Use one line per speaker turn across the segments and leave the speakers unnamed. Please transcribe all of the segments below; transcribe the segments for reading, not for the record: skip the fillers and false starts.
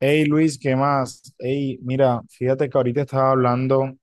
Hey Luis, ¿qué más? Hey, mira, fíjate que ahorita estaba hablando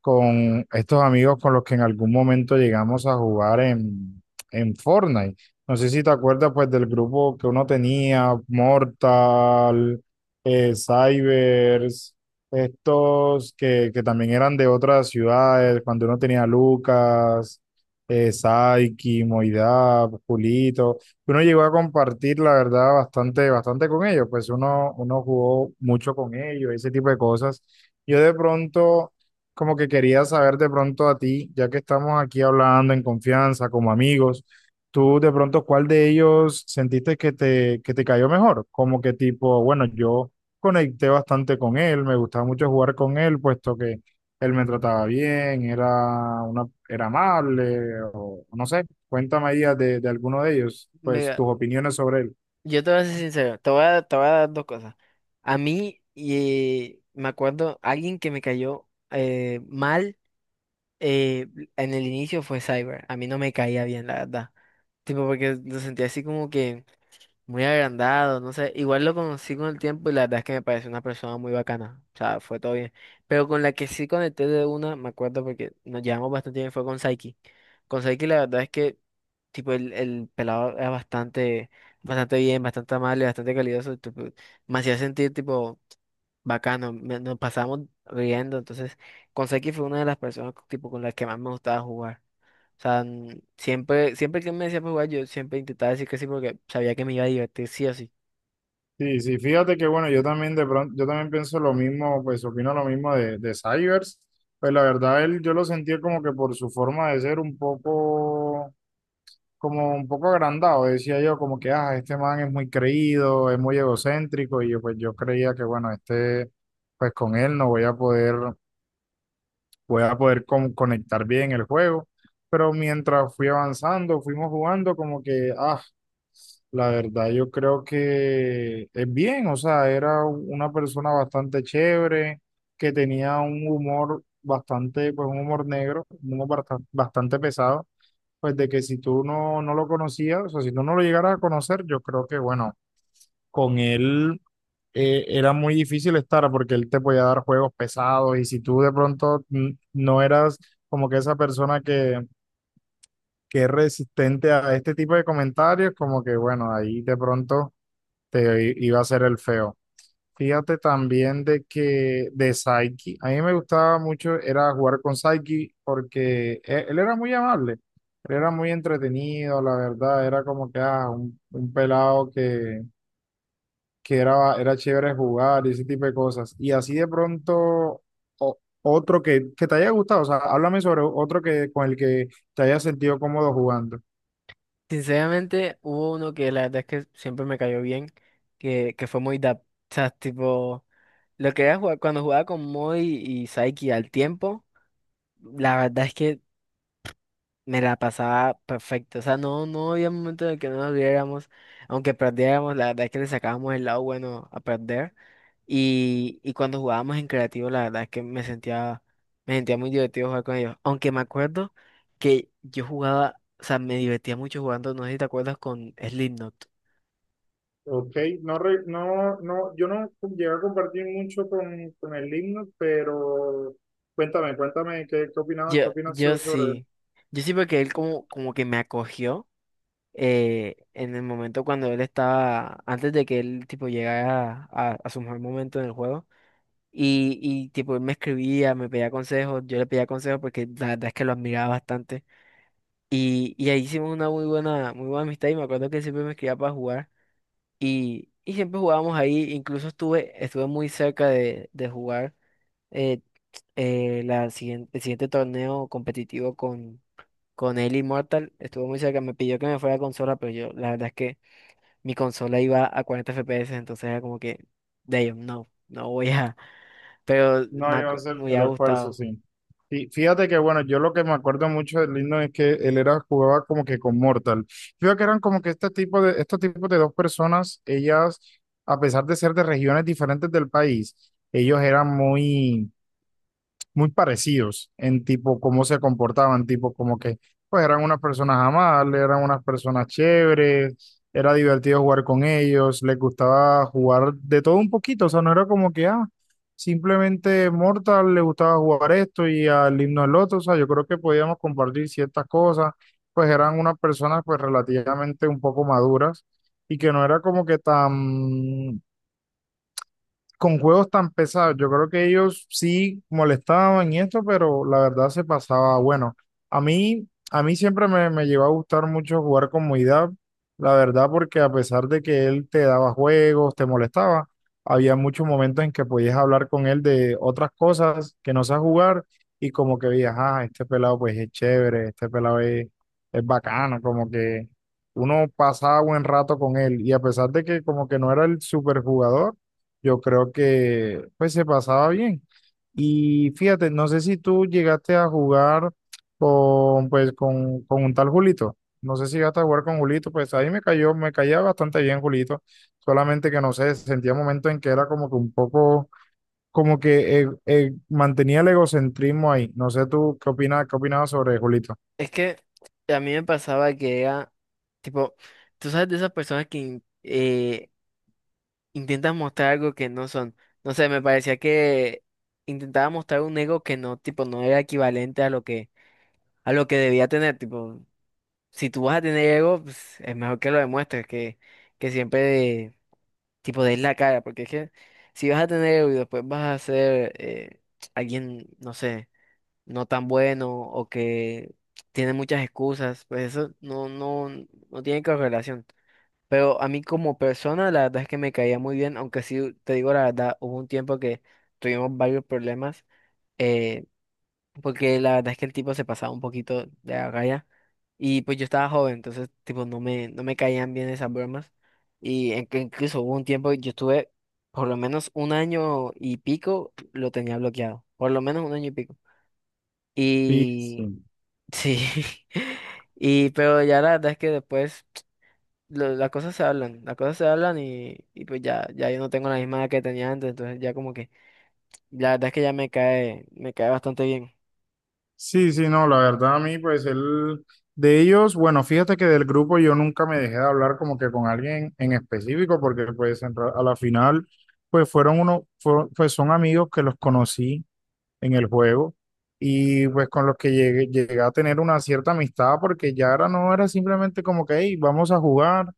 con estos amigos con los que en algún momento llegamos a jugar en Fortnite. No sé si te acuerdas pues del grupo que uno tenía, Mortal, Cybers, estos que también eran de otras ciudades, cuando uno tenía Lucas, Saiki, Moidab, Julito. Uno llegó a compartir, la verdad, bastante, bastante con ellos, pues uno jugó mucho con ellos, ese tipo de cosas. Yo de pronto como que quería saber de pronto a ti, ya que estamos aquí hablando en confianza, como amigos, tú de pronto, ¿cuál de ellos sentiste que te cayó mejor? Como que tipo, bueno, yo conecté bastante con él, me gustaba mucho jugar con él, puesto que él me trataba bien, era una, era amable, o no sé, cuéntame ahí de alguno de ellos, pues tus
Mira,
opiniones sobre él.
yo te voy a ser sincero, te voy a dar dos cosas. A mí, y me acuerdo, alguien que me cayó mal eh, en el inicio fue Cyber. A mí no me caía bien, la verdad. Tipo, porque lo sentía así como que muy agrandado, no sé, igual lo conocí con el tiempo y la verdad es que me pareció una persona muy bacana, o sea, fue todo bien. Pero con la que sí conecté de una, me acuerdo porque nos llevamos bastante bien, fue con Saiki. Con Saiki la verdad es que, tipo, el pelado era bastante, bastante bien, bastante amable, bastante calidoso, tipo, me hacía sentir, tipo, bacano, nos pasábamos riendo, entonces, con Saiki fue una de las personas, tipo, con las que más me gustaba jugar. O sea, siempre que me decía para jugar, yo siempre intentaba decir que sí porque sabía que me iba a divertir sí o sí.
Sí, sí, fíjate que bueno, yo también de pronto, yo también pienso lo mismo, pues opino lo mismo de Cybers. Pues la verdad, él yo lo sentía como que por su forma de ser un poco, como un poco agrandado, decía yo, como que, ah, este man es muy creído, es muy egocéntrico, y yo pues yo creía que bueno, este, pues con él no voy a poder, voy a poder conectar bien el juego. Pero mientras fui avanzando, fuimos jugando, como que, ah. La verdad, yo creo que es bien, o sea, era una persona bastante chévere, que tenía un humor bastante, pues un humor negro, un humor bastante pesado, pues de que si tú no lo conocías, o sea, si tú no lo llegaras a conocer, yo creo que, bueno, con él era muy difícil estar porque él te podía dar juegos pesados y si tú de pronto no eras como que esa persona que es resistente a este tipo de comentarios, como que, bueno, ahí de pronto te iba a ser el feo. Fíjate también de que de Saiki, a mí me gustaba mucho era jugar con Saiki porque él, era muy amable, él era muy entretenido, la verdad, era como que ah, un pelado que era, era chévere jugar y ese tipo de cosas. Y así de pronto, otro que te haya gustado, o sea, háblame sobre otro que con el que te hayas sentido cómodo jugando.
Sinceramente, hubo uno que la verdad es que siempre me cayó bien, que fue muy. O sea, tipo, lo que era jugar, cuando jugaba con Moy y Saiki al tiempo, la verdad es que me la pasaba perfecto. O sea, no había momento en el que no nos viéramos aunque perdiéramos, la verdad es que le sacábamos el lado bueno a perder. Y cuando jugábamos en creativo, la verdad es que me sentía muy divertido jugar con ellos. Aunque me acuerdo que yo jugaba, o sea, me divertía mucho jugando, no sé si te acuerdas con Slipknot.
Ok, no, yo no llegué a compartir mucho con el himno, pero cuéntame, cuéntame qué opinabas, qué
Yo,
opinas
yo
tú sobre él.
sí, yo sí porque él como, como que me acogió en el momento cuando él estaba, antes de que él tipo llegara a su mejor momento en el juego. Y tipo él me escribía, me pedía consejos, yo le pedía consejos porque la verdad es que lo admiraba bastante. Y ahí hicimos una muy buena amistad y me acuerdo que siempre me escribía para jugar y siempre jugábamos ahí, incluso estuve, estuve muy cerca de jugar eh, el siguiente torneo competitivo con él Immortal, estuvo muy cerca, me pidió que me fuera a consola, pero yo la verdad es que mi consola iba a 40 FPS, entonces era como que, damn, no voy a, pero
No, yo hacer
me
el
hubiera
esfuerzo,
gustado.
sí. Y fíjate que, bueno, yo lo que me acuerdo mucho del Lino es que él era, jugaba como que con Mortal. Fíjate que eran como que este tipo de, estos tipos de dos personas, ellas, a pesar de ser de regiones diferentes del país, ellos eran muy parecidos en tipo cómo se comportaban, tipo como que pues eran unas personas amables, eran unas personas chéveres, era divertido jugar con ellos, les gustaba jugar de todo un poquito, o sea, no era como que, ah, simplemente Mortal le gustaba jugar esto y al himno el otro, o sea, yo creo que podíamos compartir ciertas cosas, pues eran unas personas pues relativamente un poco maduras y que no era como que tan con juegos tan pesados. Yo creo que ellos sí molestaban y esto, pero la verdad se pasaba bueno. A mí siempre me llegó a gustar mucho jugar con Muidab, la verdad, porque a pesar de que él te daba juegos, te molestaba, había muchos momentos en que podías hablar con él de otras cosas que no sabes jugar y como que veías, ah, este pelado pues es chévere, este pelado es bacano, como que uno pasaba buen rato con él y a pesar de que como que no era el superjugador yo creo que pues se pasaba bien. Y fíjate, no sé si tú llegaste a jugar con pues con un tal Julito. No sé si llegaste a jugar con Julito, pues ahí me cayó, me caía bastante bien Julito. Solamente que no sé, sentía momentos en que era como que un poco, como que mantenía el egocentrismo ahí. No sé tú qué opinas, qué opinabas sobre Julito.
Es que a mí me pasaba que era, tipo, tú sabes de esas personas que intentan mostrar algo que no son. No sé, me parecía que intentaba mostrar un ego que no, tipo, no era equivalente a lo que debía tener. Tipo, si tú vas a tener ego, pues, es mejor que lo demuestres, que siempre, tipo, des la cara. Porque es que si vas a tener ego y después vas a ser alguien, no sé, no tan bueno o que tiene muchas excusas, pues eso no tiene correlación. Pero a mí como persona la verdad es que me caía muy bien, aunque sí te digo la verdad, hubo un tiempo que tuvimos varios problemas, eh, porque la verdad es que el tipo se pasaba un poquito de la raya y pues yo estaba joven, entonces tipo no me caían bien esas bromas y en que incluso hubo un tiempo que yo estuve por lo menos un año y pico, lo tenía bloqueado, por lo menos un año y pico.
Sí,
Y
sí.
sí, y pero ya la verdad es que después las cosas se hablan, las cosas se hablan y pues ya yo no tengo la misma edad que tenía antes, entonces ya como que la verdad es que ya me cae bastante bien.
Sí, sí, no, la verdad a mí, pues él, de ellos, bueno, fíjate que del grupo yo nunca me dejé de hablar como que con alguien en específico, porque pues en a la final, pues fueron uno, pues son amigos que los conocí en el juego y pues con los que llegué, llegué a tener una cierta amistad porque ya ahora no era simplemente como que, hey, vamos a jugar,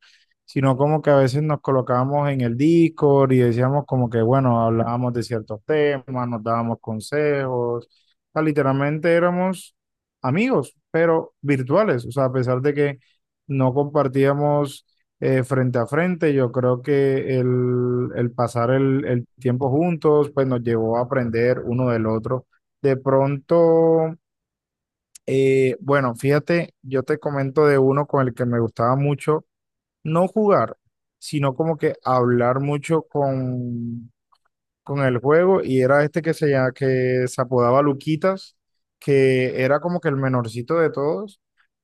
sino como que a veces nos colocábamos en el Discord y decíamos como que, bueno, hablábamos de ciertos temas, nos dábamos consejos, o sea, literalmente éramos amigos, pero virtuales, o sea, a pesar de que no compartíamos frente a frente. Yo creo que el pasar el tiempo juntos, pues nos llevó a aprender uno del otro. De pronto, bueno, fíjate, yo te comento de uno con el que me gustaba mucho no jugar, sino como que hablar mucho con el juego y era este que que se apodaba Luquitas, que era como que el menorcito de todos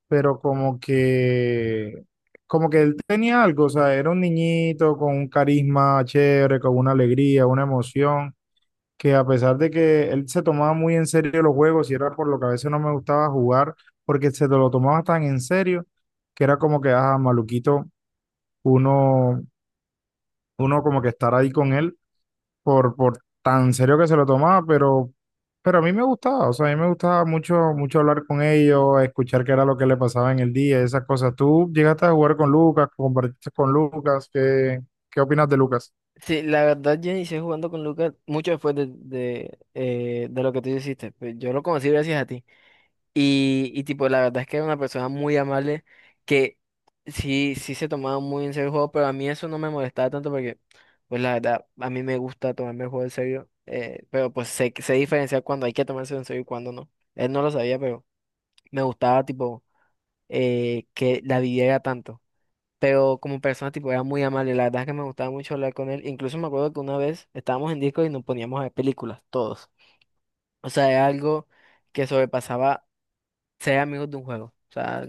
pero como que él tenía algo, o sea, era un niñito con un carisma chévere, con una alegría, una emoción, que a pesar de que él se tomaba muy en serio los juegos, y era por lo que a veces no me gustaba jugar, porque se lo tomaba tan en serio, que era como que, ah, maluquito, uno, uno como que estar ahí con él por tan serio que se lo tomaba, pero a mí me gustaba, o sea, a mí me gustaba mucho, mucho hablar con ellos, escuchar qué era lo que le pasaba en el día, esas cosas. ¿Tú llegaste a jugar con Lucas, compartiste con Lucas? ¿Qué, qué opinas de Lucas?
Sí, la verdad yo inicié jugando con Lucas mucho después de lo que tú hiciste, pues yo lo conocí gracias a ti. Y tipo, la verdad es que era una persona muy amable que sí, sí se tomaba muy en serio el juego, pero a mí eso no me molestaba tanto porque, pues la verdad, a mí me gusta tomarme el juego en serio, pero pues sé, sé diferenciar cuando hay que tomarse en serio y cuando no. Él no lo sabía, pero me gustaba tipo que la viviera tanto. Pero como persona, tipo, era muy amable. La verdad es que me gustaba mucho hablar con él. Incluso me acuerdo que una vez estábamos en disco y nos poníamos a ver películas, todos. O sea, era algo que sobrepasaba ser amigos de un juego. O sea,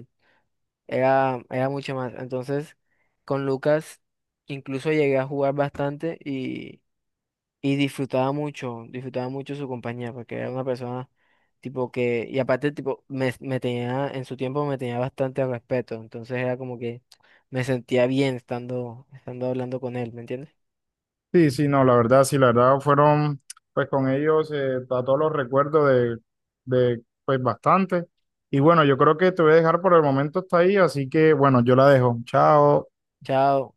era, era mucho más. Entonces, con Lucas incluso llegué a jugar bastante y disfrutaba mucho su compañía, porque era una persona tipo que, y aparte tipo, me tenía, en su tiempo me tenía bastante respeto, entonces era como que me sentía bien estando, estando hablando con él, ¿me entiendes?
Sí, sí, no, la verdad, sí, la verdad fueron, pues con ellos, a todos los recuerdos pues bastante. Y bueno, yo creo que te voy a dejar por el momento hasta ahí, así que bueno, yo la dejo. Chao.
Chao.